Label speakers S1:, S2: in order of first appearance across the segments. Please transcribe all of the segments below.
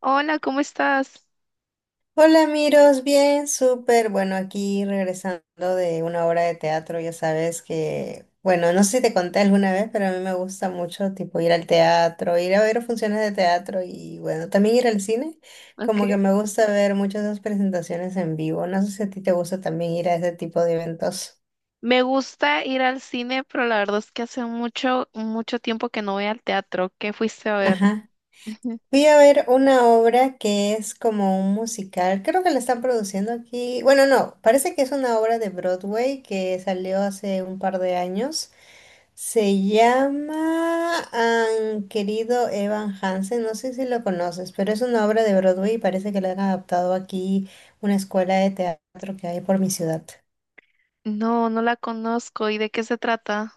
S1: Hola, ¿cómo estás?
S2: Hola, Miros, bien, súper. Bueno, aquí regresando de una obra de teatro, ya sabes que, bueno, no sé si te conté alguna vez, pero a mí me gusta mucho, tipo, ir al teatro, ir a ver funciones de teatro y, bueno, también ir al cine.
S1: Ok.
S2: Como que me gusta ver muchas de esas presentaciones en vivo. No sé si a ti te gusta también ir a ese tipo de eventos.
S1: Me gusta ir al cine, pero la verdad es que hace mucho, mucho tiempo que no voy al teatro. ¿Qué fuiste a ver?
S2: Ajá. Fui a ver una obra que es como un musical, creo que la están produciendo aquí. Bueno, no, parece que es una obra de Broadway que salió hace un par de años. Se llama Han querido Evan Hansen, no sé si lo conoces, pero es una obra de Broadway y parece que la han adaptado aquí una escuela de teatro que hay por mi ciudad.
S1: No, no la conozco. ¿Y de qué se trata?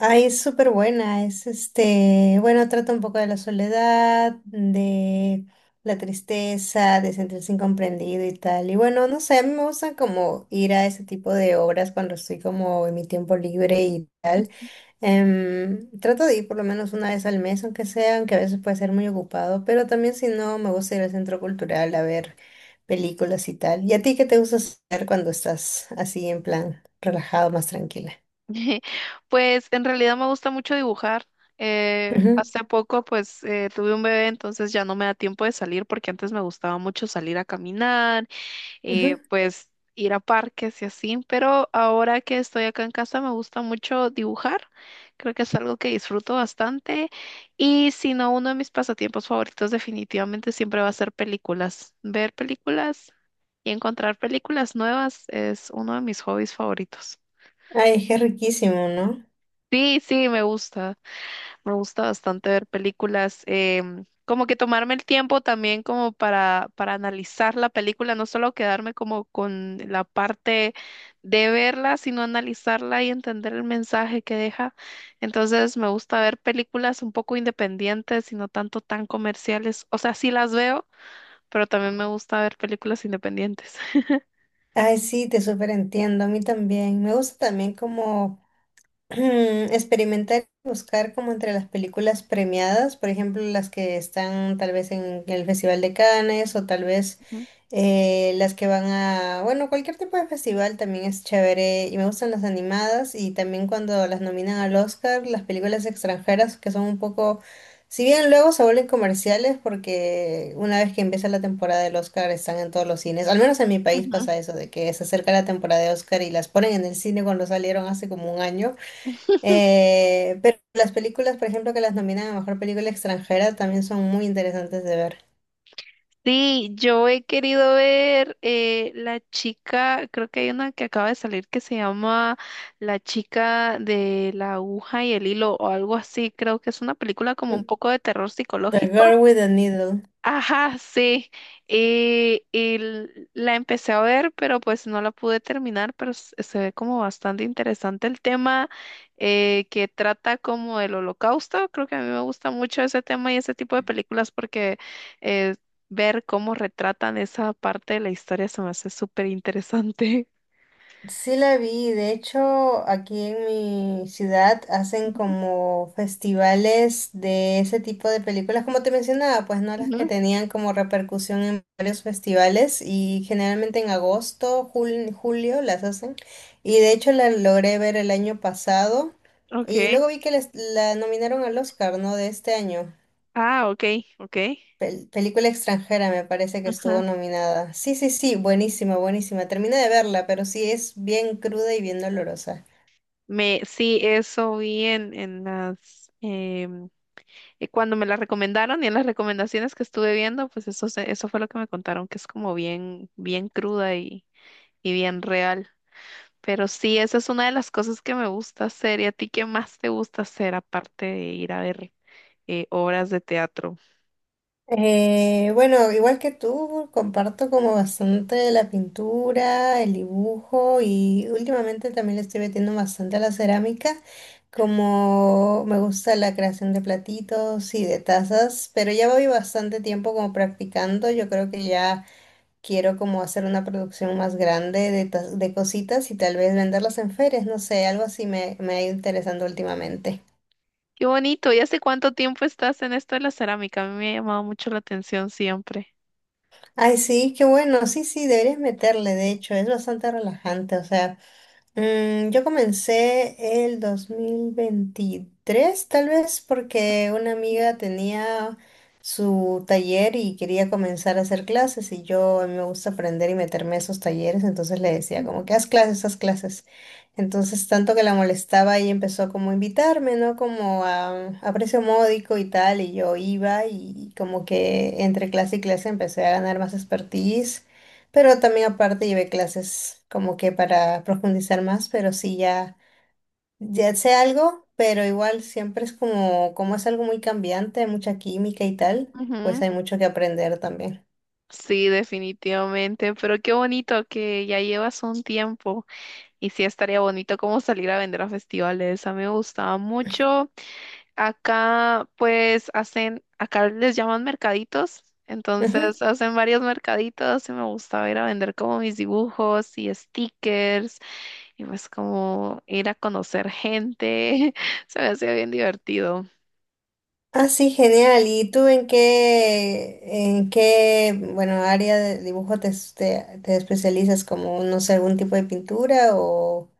S2: Ay, es súper buena, es este, bueno, trata un poco de la soledad, de la tristeza, de sentirse incomprendido y tal. Y bueno, no sé, a mí me gusta como ir a ese tipo de obras cuando estoy como en mi tiempo libre y tal.
S1: Ujú.
S2: Trato de ir por lo menos una vez al mes, aunque sea, aunque a veces puede ser muy ocupado, pero también si no, me gusta ir al centro cultural a ver películas y tal. ¿Y a ti qué te gusta hacer cuando estás así en plan relajado, más tranquila?
S1: Pues en realidad me gusta mucho dibujar.
S2: Ujú,
S1: Hace poco pues tuve un bebé, entonces ya no me da tiempo de salir porque antes me gustaba mucho salir a caminar
S2: ujú.
S1: pues ir a parques y así, pero ahora que estoy acá en casa me gusta mucho dibujar, creo que es algo que disfruto bastante y si no, uno de mis pasatiempos favoritos definitivamente siempre va a ser películas, ver películas y encontrar películas nuevas es uno de mis hobbies favoritos.
S2: Ay, es riquísimo, ¿no?
S1: Sí, sí, me gusta. Me gusta bastante ver películas, como que tomarme el tiempo también como para analizar la película, no solo quedarme como con la parte de verla, sino analizarla y entender el mensaje que deja. Entonces me gusta ver películas un poco independientes y no tanto tan comerciales. O sea, sí las veo, pero también me gusta ver películas independientes.
S2: Ay, sí, te súper entiendo, a mí también. Me gusta también como experimentar y buscar como entre las películas premiadas, por ejemplo, las que están tal vez en el Festival de Cannes o tal vez las que van a, bueno, cualquier tipo de festival también es chévere y me gustan las animadas y también cuando las nominan al Oscar, las películas extranjeras que son un poco, si bien luego se vuelven comerciales porque una vez que empieza la temporada del Oscar están en todos los cines, al menos en mi país
S1: Ujú.
S2: pasa eso, de que se acerca la temporada de Oscar y las ponen en el cine cuando salieron hace como un año. Pero las películas, por ejemplo, que las nominan a mejor película extranjera también son muy interesantes de ver.
S1: Sí, yo he querido ver la chica, creo que hay una que acaba de salir que se llama La chica de la aguja y el hilo o algo así, creo que es una película como un poco de terror
S2: The Girl
S1: psicológico.
S2: with the Needle.
S1: Ajá, sí. Y la empecé a ver, pero pues no la pude terminar, pero se ve como bastante interesante el tema que trata como del holocausto. Creo que a mí me gusta mucho ese tema y ese tipo de películas porque eh, ver cómo retratan esa parte de la historia se me hace súper interesante.
S2: Sí la vi, de hecho, aquí en mi ciudad hacen
S1: Ujú,
S2: como festivales de ese tipo de películas, como te mencionaba, pues no las que
S1: ujú,
S2: tenían como repercusión en varios festivales y generalmente en agosto, julio las hacen. Y de hecho la logré ver el año pasado y
S1: Okay.
S2: luego vi que la nominaron al Oscar, ¿no? De este año.
S1: Ah, ok, ok.
S2: Película extranjera me parece que estuvo
S1: Ajá.
S2: nominada. Sí, sí, sí, buenísima, buenísima. Terminé de verla, pero sí es bien cruda y bien dolorosa.
S1: Sí, eso vi en las. Y cuando me la recomendaron y en las recomendaciones que estuve viendo, pues eso, eso fue lo que me contaron, que es como bien, bien cruda y bien real. Pero sí, esa es una de las cosas que me gusta hacer. ¿Y a ti qué más te gusta hacer aparte de ir a ver obras de teatro?
S2: Bueno, igual que tú, comparto como bastante la pintura, el dibujo y últimamente también le estoy metiendo bastante a la cerámica, como me gusta la creación de platitos y de tazas, pero ya voy bastante tiempo como practicando, yo creo que ya... quiero como hacer una producción más grande de cositas y tal vez venderlas en ferias, no sé, algo así me ha ido interesando últimamente.
S1: Qué bonito. ¿Y hace cuánto tiempo estás en esto de la cerámica? A mí me ha llamado mucho la atención siempre.
S2: Ay, sí, qué bueno, sí, sí, deberías meterle, de hecho, es bastante relajante, o sea. Yo comencé el 2023, tal vez porque una amiga tenía su taller y quería comenzar a hacer clases y yo a mí me gusta aprender y meterme a esos talleres, entonces le decía como que haz clases, haz clases. Entonces tanto que la molestaba y empezó como a invitarme, ¿no? Como a precio módico y tal, y yo iba y como que entre clase y clase empecé a ganar más expertise, pero también aparte llevé clases como que para profundizar más, pero sí ya, ya sé algo, pero igual siempre es como, como es algo muy cambiante, mucha química y tal,
S1: Ujú.
S2: pues hay mucho que aprender también.
S1: Sí, definitivamente, pero qué bonito que ya llevas un tiempo. Y sí, estaría bonito como salir a vender a festivales. A mí me gustaba mucho. Acá, pues, acá les llaman mercaditos.
S2: Ujú.
S1: Entonces, hacen varios mercaditos y me gustaba ir a vender como mis dibujos y stickers y pues como ir a conocer gente. Se me hacía bien divertido.
S2: Ah, sí, genial. ¿Y tú en qué, bueno, área de dibujo te especializas? Como, no sé, algún tipo de pintura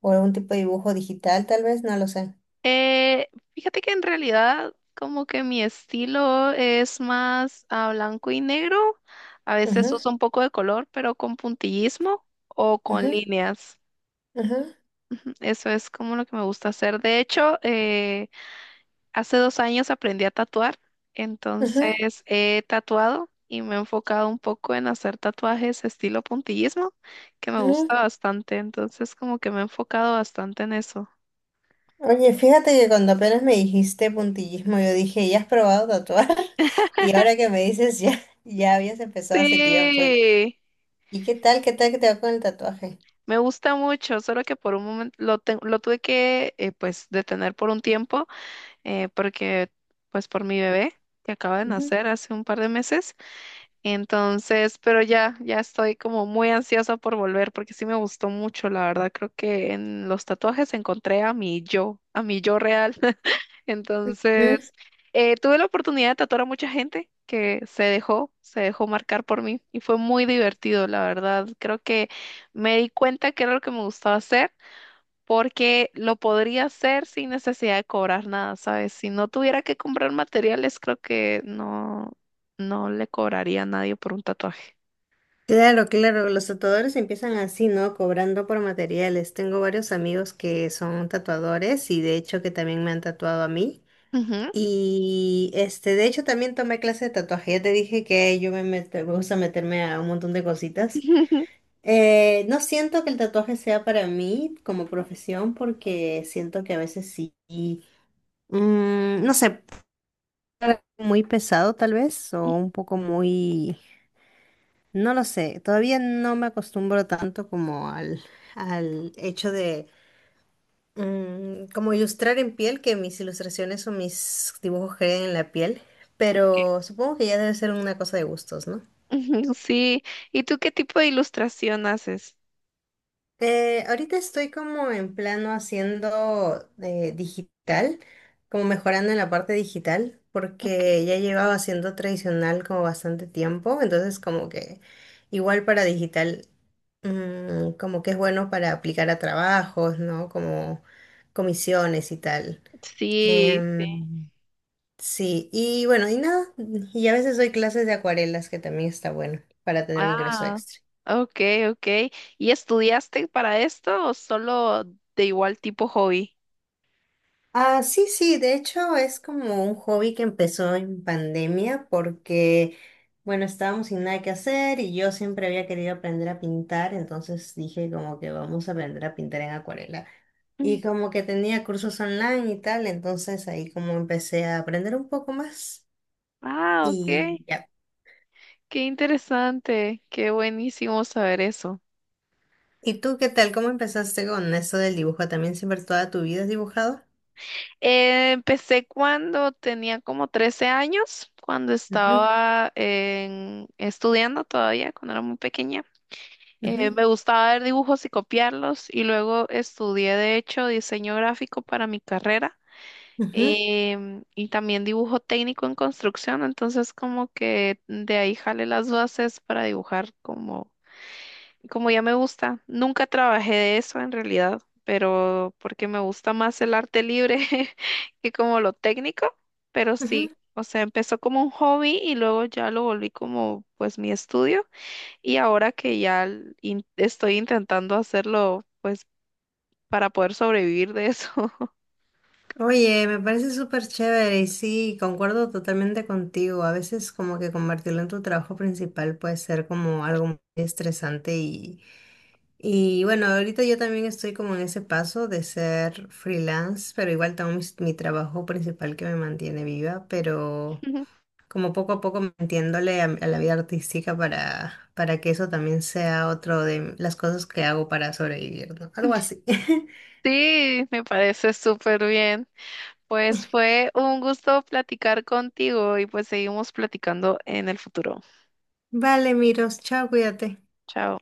S2: o algún tipo de dibujo digital, tal vez, no lo sé.
S1: Eh, Fíjate que en realidad como que mi estilo es más a blanco y negro. A veces
S2: Ujú,
S1: uso un poco de color, pero con puntillismo o con
S2: ujú,
S1: líneas.
S2: ujú,
S1: Ujú. Eso es como lo que me gusta hacer. De hecho, hace 2 años aprendí a tatuar,
S2: ujú,
S1: entonces he tatuado y me he enfocado un poco en hacer tatuajes estilo puntillismo, que me gusta
S2: ujú.
S1: bastante. Entonces como que me he enfocado bastante en eso.
S2: Oye, fíjate que cuando apenas me dijiste puntillismo, yo dije, ¿ya has probado tatuar? Y ahora que me dices, ya, ya habías empezado hace tiempo.
S1: Sí.
S2: Y qué tal que te va con el tatuaje?
S1: Me gusta mucho, solo que por un momento lo tuve que pues detener por un tiempo porque pues por mi bebé que acaba de
S2: Ujú,
S1: nacer hace un par de meses. Entonces, pero ya estoy como muy ansiosa por volver porque sí me gustó mucho, la verdad. Creo que en los tatuajes encontré a mi yo real.
S2: ujú.
S1: Entonces, tuve la oportunidad de tatuar a mucha gente que se dejó marcar por mí y fue muy divertido, la verdad. Creo que me di cuenta que era lo que me gustaba hacer porque lo podría hacer sin necesidad de cobrar nada, ¿sabes? Si no tuviera que comprar materiales, creo que no le cobraría a nadie por un tatuaje.
S2: Claro, claro, los tatuadores empiezan así, ¿no? Cobrando por materiales. Tengo varios amigos que son tatuadores y de hecho que también me han tatuado a mí.
S1: Ujú.
S2: Y este, de hecho también tomé clase de tatuaje. Ya te dije que yo me gusta meterme a un montón de cositas. No siento que el tatuaje sea para mí como profesión porque siento que a veces sí, sí, no sé, muy pesado tal vez o un poco muy, no lo sé, todavía no me acostumbro tanto como al, al hecho de como ilustrar en piel, que mis ilustraciones o mis dibujos queden en la piel, pero supongo que ya debe ser una cosa de gustos, ¿no?
S1: Ujú. Sí, ¿y tú qué tipo de ilustración haces?
S2: Ahorita estoy como en plano haciendo digital, como mejorando en la parte digital,
S1: Okay.
S2: porque ya llevaba haciendo tradicional como bastante tiempo, entonces como que igual para digital, como que es bueno para aplicar a trabajos, ¿no? Como comisiones y tal.
S1: Sí, sí.
S2: Em, sí, y bueno, y nada, y a veces doy clases de acuarelas, que también está bueno para tener un ingreso
S1: Ah,
S2: extra.
S1: ok, ok. ¿Y estudiaste para esto o solo de igual tipo hobby?
S2: Ah, sí, sí, de hecho es como un hobby que empezó en pandemia porque, bueno, estábamos sin nada que hacer y yo siempre había querido aprender a pintar, entonces dije como que vamos a aprender a pintar en acuarela.
S1: Mm.
S2: Y como que tenía cursos online y tal, entonces ahí como empecé a aprender un poco más
S1: Ah, ok.
S2: y ya.
S1: Qué interesante, qué buenísimo saber eso.
S2: ¿Y tú qué tal? ¿Cómo empezaste con eso del dibujo? ¿También siempre toda tu vida has dibujado?
S1: Empecé cuando tenía como 13 años, cuando
S2: Ujú,
S1: estaba estudiando todavía, cuando era muy pequeña.
S2: ujú,
S1: Me gustaba ver dibujos y copiarlos y luego estudié de hecho diseño gráfico para mi carrera
S2: ujú,
S1: y también dibujo técnico en construcción, entonces como que de ahí jale las bases para dibujar como ya me gusta, nunca trabajé de eso en realidad, pero porque me gusta más el arte libre que como lo técnico, pero
S2: ujú.
S1: sí, o sea, empezó como un hobby y luego ya lo volví como pues mi estudio y ahora que ya estoy intentando hacerlo pues para poder sobrevivir de eso.
S2: Oye, me parece súper chévere y sí, concuerdo totalmente contigo. A veces como que convertirlo en tu trabajo principal puede ser como algo muy estresante y bueno, ahorita yo también estoy como en ese paso de ser freelance, pero igual tengo mi, trabajo principal que me mantiene viva, pero como poco a poco metiéndole a la vida artística para que eso también sea otro de las cosas que hago para sobrevivir, ¿no? Algo así.
S1: Sí, me parece súper bien. Pues fue un gusto platicar contigo y pues seguimos platicando en el futuro.
S2: Vale, Miros, chao, cuídate.
S1: Chao.